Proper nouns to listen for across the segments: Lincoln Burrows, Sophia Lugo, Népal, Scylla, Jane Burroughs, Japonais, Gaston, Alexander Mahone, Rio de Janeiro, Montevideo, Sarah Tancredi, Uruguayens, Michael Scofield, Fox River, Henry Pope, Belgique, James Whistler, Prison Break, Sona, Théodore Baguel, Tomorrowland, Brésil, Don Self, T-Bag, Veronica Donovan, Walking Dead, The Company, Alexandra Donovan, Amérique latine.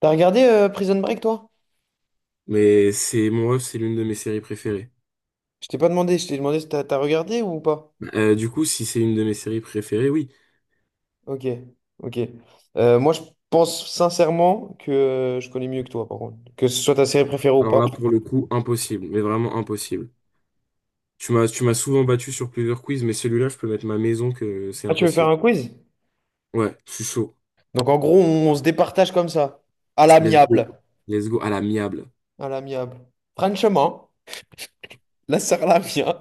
T'as regardé Prison Break, toi? Mais c'est mon rêve, c'est l'une de mes séries préférées. Je t'ai pas demandé, je t'ai demandé si t'as regardé ou pas. Du coup, si c'est une de mes séries préférées, oui. Ok, ok. Moi, je pense sincèrement que je connais mieux que toi, par contre. Que ce soit ta série préférée ou Alors pas. là, pour le coup, impossible, mais vraiment impossible. Tu m'as souvent battu sur plusieurs quiz, mais celui-là, je peux mettre ma maison que c'est Ah, tu veux faire impossible. un quiz? Ouais, je suis chaud. Donc, en gros, on se départage comme ça. À Let's l'amiable. go. Let's go à l'amiable. À l'amiable. Franchement, la sœur la mienne.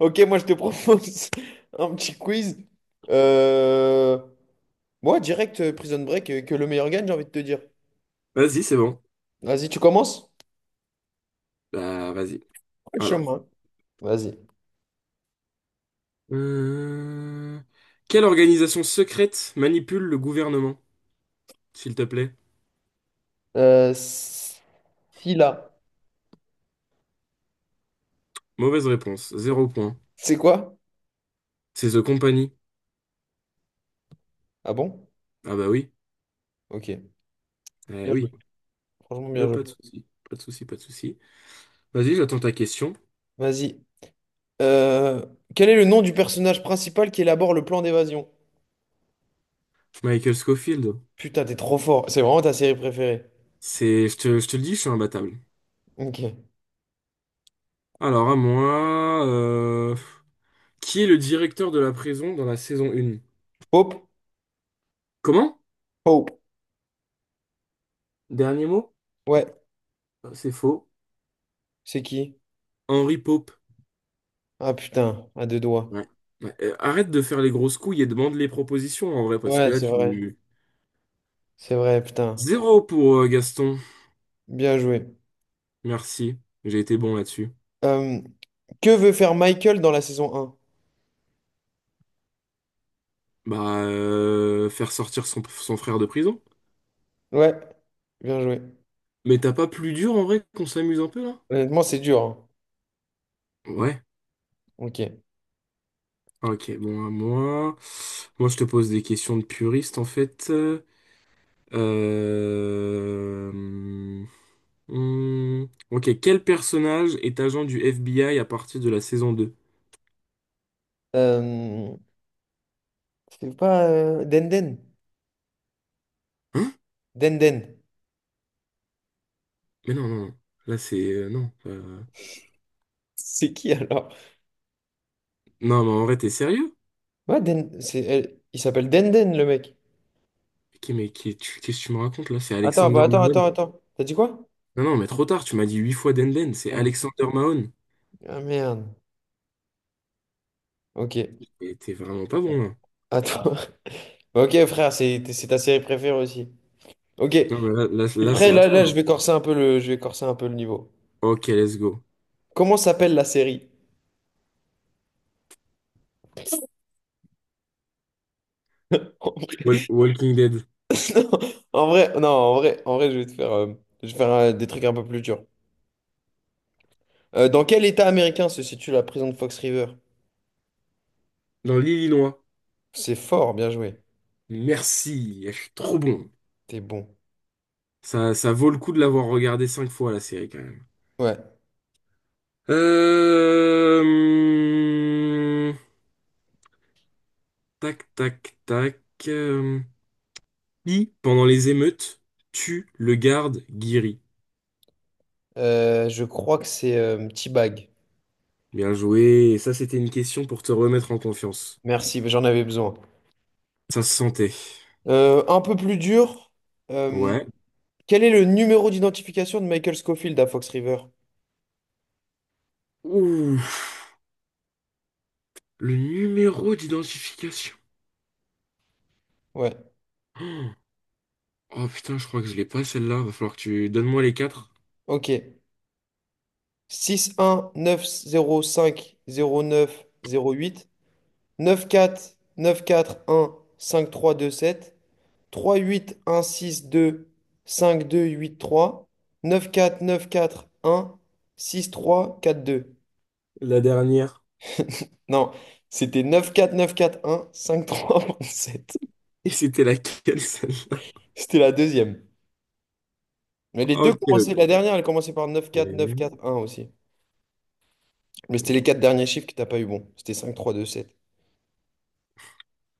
Ok, moi, je te propose un petit quiz. Euh... Moi, direct Prison Break, que le meilleur gagne, j'ai envie de te dire. Vas-y, c'est bon. Vas-y, tu commences? Bah, vas-y. Alors. Franchement. Vas-y. Euh, Quelle organisation secrète manipule le gouvernement, s'il te plaît? Euh, Scylla. Mauvaise réponse. Zéro point. C'est quoi? C'est The Company. Ah bon? Ah bah oui. Ok. Eh Bien joué. oui. Franchement, bien Bah, joué. pas de souci. Pas de souci, pas de souci. Vas-y, j'attends ta question. Vas-y. Euh, quel est le nom du personnage principal qui élabore le plan d'évasion? Michael Scofield. Putain, t'es trop fort. C'est vraiment ta série préférée. Je te le dis, je suis imbattable. Ok. Alors, à moi, qui est le directeur de la prison dans la saison 1? Hope? Comment? Hope. Dernier mot? Ouais. C'est faux. C'est qui? Henry Pope. Ah putain, à deux doigts. Ouais. Ouais. Arrête de faire les grosses couilles et demande les propositions en vrai, parce que Ouais, là, c'est vrai. tu. C'est vrai, putain. Zéro pour Gaston. Bien joué. Merci. J'ai été bon là-dessus. Euh, que veut faire Michael dans la saison un. Bah, faire sortir son frère de prison. Ouais. Bien joué. Mais t'as pas plus dur en vrai qu'on s'amuse un peu là? Honnêtement, c'est dur, hein. Ouais. Ok. Ok, bon, à moi. Moi, je te pose des questions de puriste, en fait. Euh... hmm, Ok, quel personnage est agent du FBI à partir de la saison 2? Euh, c'est pas Denden? Hein? Denden. Mais non, non, non. Là, c'est... C'est qui alors? Non, mais en vrai, t'es sérieux? Ouais, Den... c'est... elle- Il s'appelle Denden, le mec. Ok, mais qu'est-ce que tu me racontes, là? C'est Attends, bah Alexander attends, attends, Mahone. attends. T'as dit quoi? Non, non, mais trop tard, tu m'as dit 8 fois Denden. C'est Merde. Alexander Mahone. Ah merde. Ok. Et t'es vraiment pas bon, là. Attends. Ok, frère, c'est ta série préférée aussi. Ok. Non, mais là, c'est Après, à là, toi. là, je vais corser un peu le, je vais corser un peu le niveau. Ok, let's go. Comment s'appelle la série? Walking Dead. En vrai, non, en vrai, je vais te faire, je vais faire des trucs un peu plus durs. Dans quel état américain se situe la prison de Fox River? Dans l'île. C'est fort, bien joué. Merci, elle est trop bon. T'es bon. Ça, vaut le coup de l'avoir regardé 5 fois la série quand même. Ouais. Euh... Tac, tac, tac. euh, Qui, pendant les émeutes, tue le garde Guiri? Je crois que c'est T-Bag. Bien joué. Et ça, c'était une question pour te remettre en confiance. Merci, j'en avais besoin. Ça se sentait. Un peu plus dur, euh, Ouais. quel est le numéro d'identification de Michael Scofield à Fox River? Ouh, le numéro d'identification. Ouais, Oh putain, je crois que je l'ai pas celle-là. Va falloir que tu donnes-moi les quatre. ok. Six un neuf neuf neuf neuf zéro cinq zéro neuf zéro cinq cinq huit huit quatre neuf quatre trois trois deux sept trois huit un six deux cinq deux huit trois neuf quatre neuf quatre un six trois quatre deux. La dernière. Non, c'était 94 941 sept. Et c'était laquelle celle-là? C'était la deuxième. Mais les deux Ok, commençaient, la ok. dernière, elle commençait par neuf quatre neuf quatre Et. un aussi. Mais c'était les quatre derniers chiffres que t'as pas eu bon. C'était cinq trois deux sept.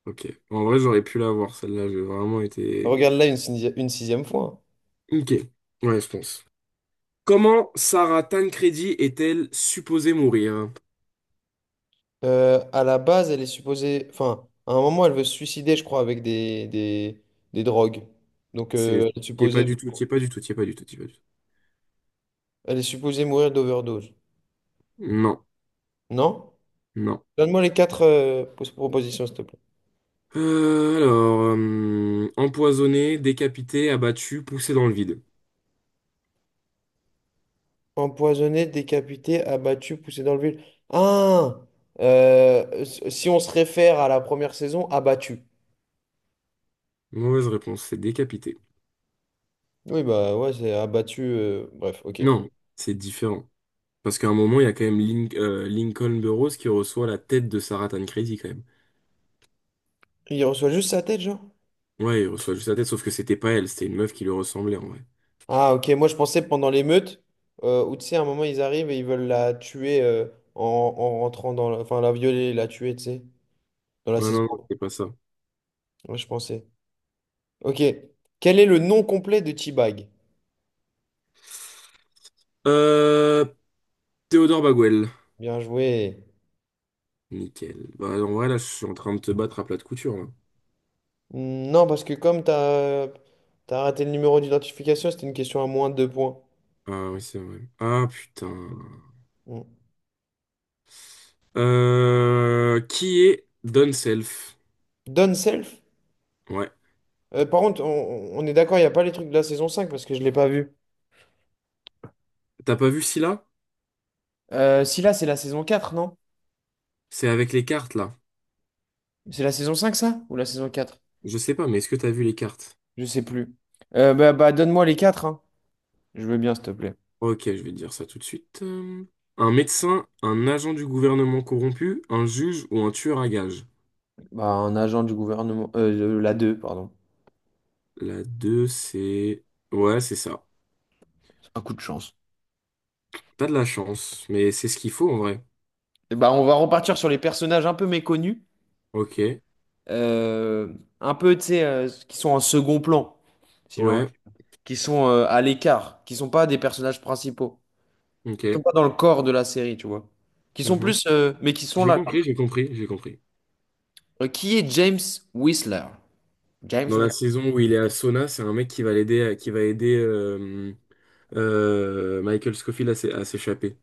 Ok. En vrai, j'aurais pu l'avoir, celle-là. J'ai vraiment été... Regarde là une, sixi- une sixième fois, hein. Ok. Ouais, je pense. Comment Sarah Tancredi est-elle supposée mourir? À la base, elle est supposée. Enfin, à un moment, elle veut se suicider, je crois, avec des drogues. Donc, C'est... elle est T'y es pas supposée, de- du tout, t'y es pas du tout, t'y es pas du tout, t'y es pas du tout. elle est supposée mourir d'overdose. Non, Non? non. Donne-moi les quatre pos- propositions, s'il te plaît. Empoisonnée, décapitée, abattue, poussée dans le vide. Empoisonné, décapité, abattu, poussé dans le vide. Ah! Euh, si on se réfère à la première saison, abattu. Mauvaise réponse, c'est décapitée. Oui, bah ouais, c'est abattu. Bref, ok. Non, c'est différent. Parce qu'à un moment, il y a quand même Lincoln Burrows qui reçoit la tête de Sarah Tancredi, quand même. Il reçoit juste sa tête, genre? Ouais, il reçoit juste la tête, sauf que c'était pas elle, c'était une meuf qui lui ressemblait, en vrai. Ah, ok, moi je pensais pendant l'émeute, où tu sais, à un moment ils arrivent et ils veulent la tuer en, en rentrant dans la. Enfin, la violer, la tuer, tu sais, dans la Ouais, non, saison. non, c'est pas ça. Moi je pensais. Ok. Quel est le nom complet de T-Bag? Euh, Théodore Baguel. Bien joué. Nickel. Bah, en vrai, là, je suis en train de te battre à plat de couture, là. Hmm, non, parce que comme t'as raté le numéro d'identification, c'était une question à moins de deux points. Ah, oui, c'est vrai. Ah, putain. Hmm. Qui est Don Self? Done self? Ouais. Par contre, on est d'accord, il n'y a pas les trucs de la saison 5 parce que je ne l'ai pas vu. T'as pas vu Scylla? Si là, c'est la saison 4, non? C'est avec les cartes, là. C'est la saison 5 ça? Ou la saison quatre. Je sais pas, mais est-ce que t'as vu les cartes? Je sais plus. Bah, bah, donne-moi les quatre, hein. Je veux bien, s'il te plaît. Ok, je vais te dire ça tout de suite. Un médecin, un agent du gouvernement corrompu, un juge ou un tueur à gages. Bah, un agent du gouvernement. La 2, pardon. La 2 c'est... Ouais, c'est ça. C'est un coup de chance. T'as de la chance, mais c'est ce qu'il faut, en vrai. Et bah, on va repartir sur les personnages un peu méconnus. Ok. euh, un peu, tu sais, qui sont en second plan. Si j'ai envie. Ouais. Qui sont à l'écart. Qui sont pas des personnages principaux. Qui sont Ok. pas dans le corps de la série, tu vois. Qui sont Mhm. plus, mais qui sont là, quand même. J'ai compris. Qui est James Whistler? James Dans la Whistler. saison où il est à Sona, c'est un mec qui va l'aider, qui va aider Michael Scofield à s'échapper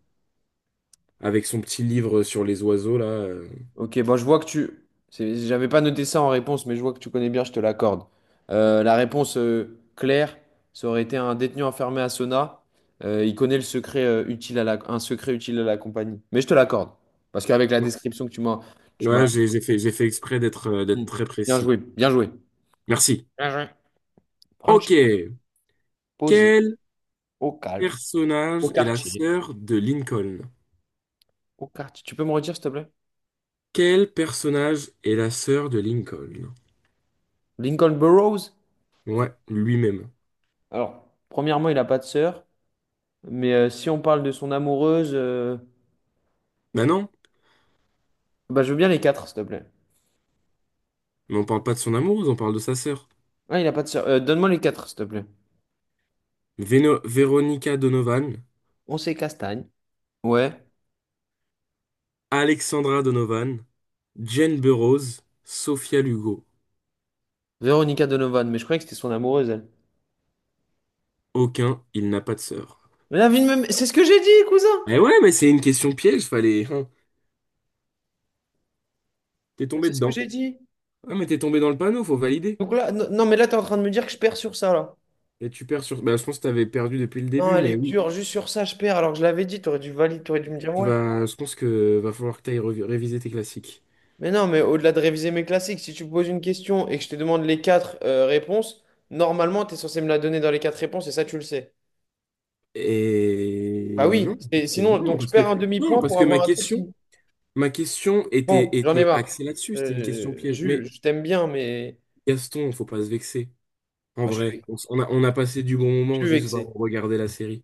avec son petit livre sur les oiseaux là. Ok, bon, je vois que tu. C'est- J'avais pas noté ça en réponse, mais je vois que tu connais bien, je te l'accorde. La réponse claire, ça aurait été un détenu enfermé à Sona. Il connaît le secret, utile à la... un secret utile à la compagnie. Mais je te l'accorde. Parce qu'avec la Ouais, description que tu m'as. Tu m'as... ouais, j'ai fait exprès d'être d'être dit, très bien précis. joué, bien joué. Merci. Bien joué. Franchi- Ok. posé, Quel au calme, au personnage est la quartier. sœur de Lincoln? Au quartier. Tu peux me redire, s'il te plaît? Quel personnage est la sœur de Lincoln? Lincoln Burrows? Ouais, lui-même. Alors, premièrement, il n'a pas de sœur. Mais si on parle de son amoureuse, Bah non, bah, je veux bien les quatre, s'il te plaît. mais on parle pas de son amoureuse, on parle de sa sœur. Ah, il a pas de sœur. Donne-moi les quatre, s'il te plaît. Veronica Donovan, On sait Castagne. Ouais. Alexandra Donovan, Jane Burroughs, Sophia Lugo. Véronica Donovan, mais je croyais que c'était son amoureuse, elle. Aucun, il n'a pas de sœur. Mais la vie de même... C'est ce que j'ai dit, cousin! Eh ouais, mais c'est une question piège, fallait, hein. T'es tombé C'est ce que dedans. j'ai dit. Ah, mais t'es tombé dans le panneau, faut valider. Donc là, non, non, mais là, t'es en train de me dire que je perds sur ça, là. Et tu perds sur. Bah, je pense que t'avais perdu depuis le Non, début, elle mais est oui. dure, juste sur ça, je perds, alors que je l'avais dit, t'aurais dû valider, t'aurais dû me dire Tu ouais. vas... Je pense que va falloir que réviser tes classiques. Mais non, mais au-delà de réviser mes classiques, si tu me poses une question et que je te demande les quatre réponses, normalement, t'es censé me la donner dans les quatre réponses, et ça, tu le sais. Bah Et oui, non, c'est- parce que sinon, non, donc je parce que perds un non, demi-point parce pour que ma avoir un truc question, qui... ma question Bon, j'en ai était marre. axée là-dessus. C'était une question piège. Mais Jules, je t'aime bien, mais Gaston, faut pas se vexer. En bah, vrai, on a passé du bon je moment suis juste à vexé. regarder la série.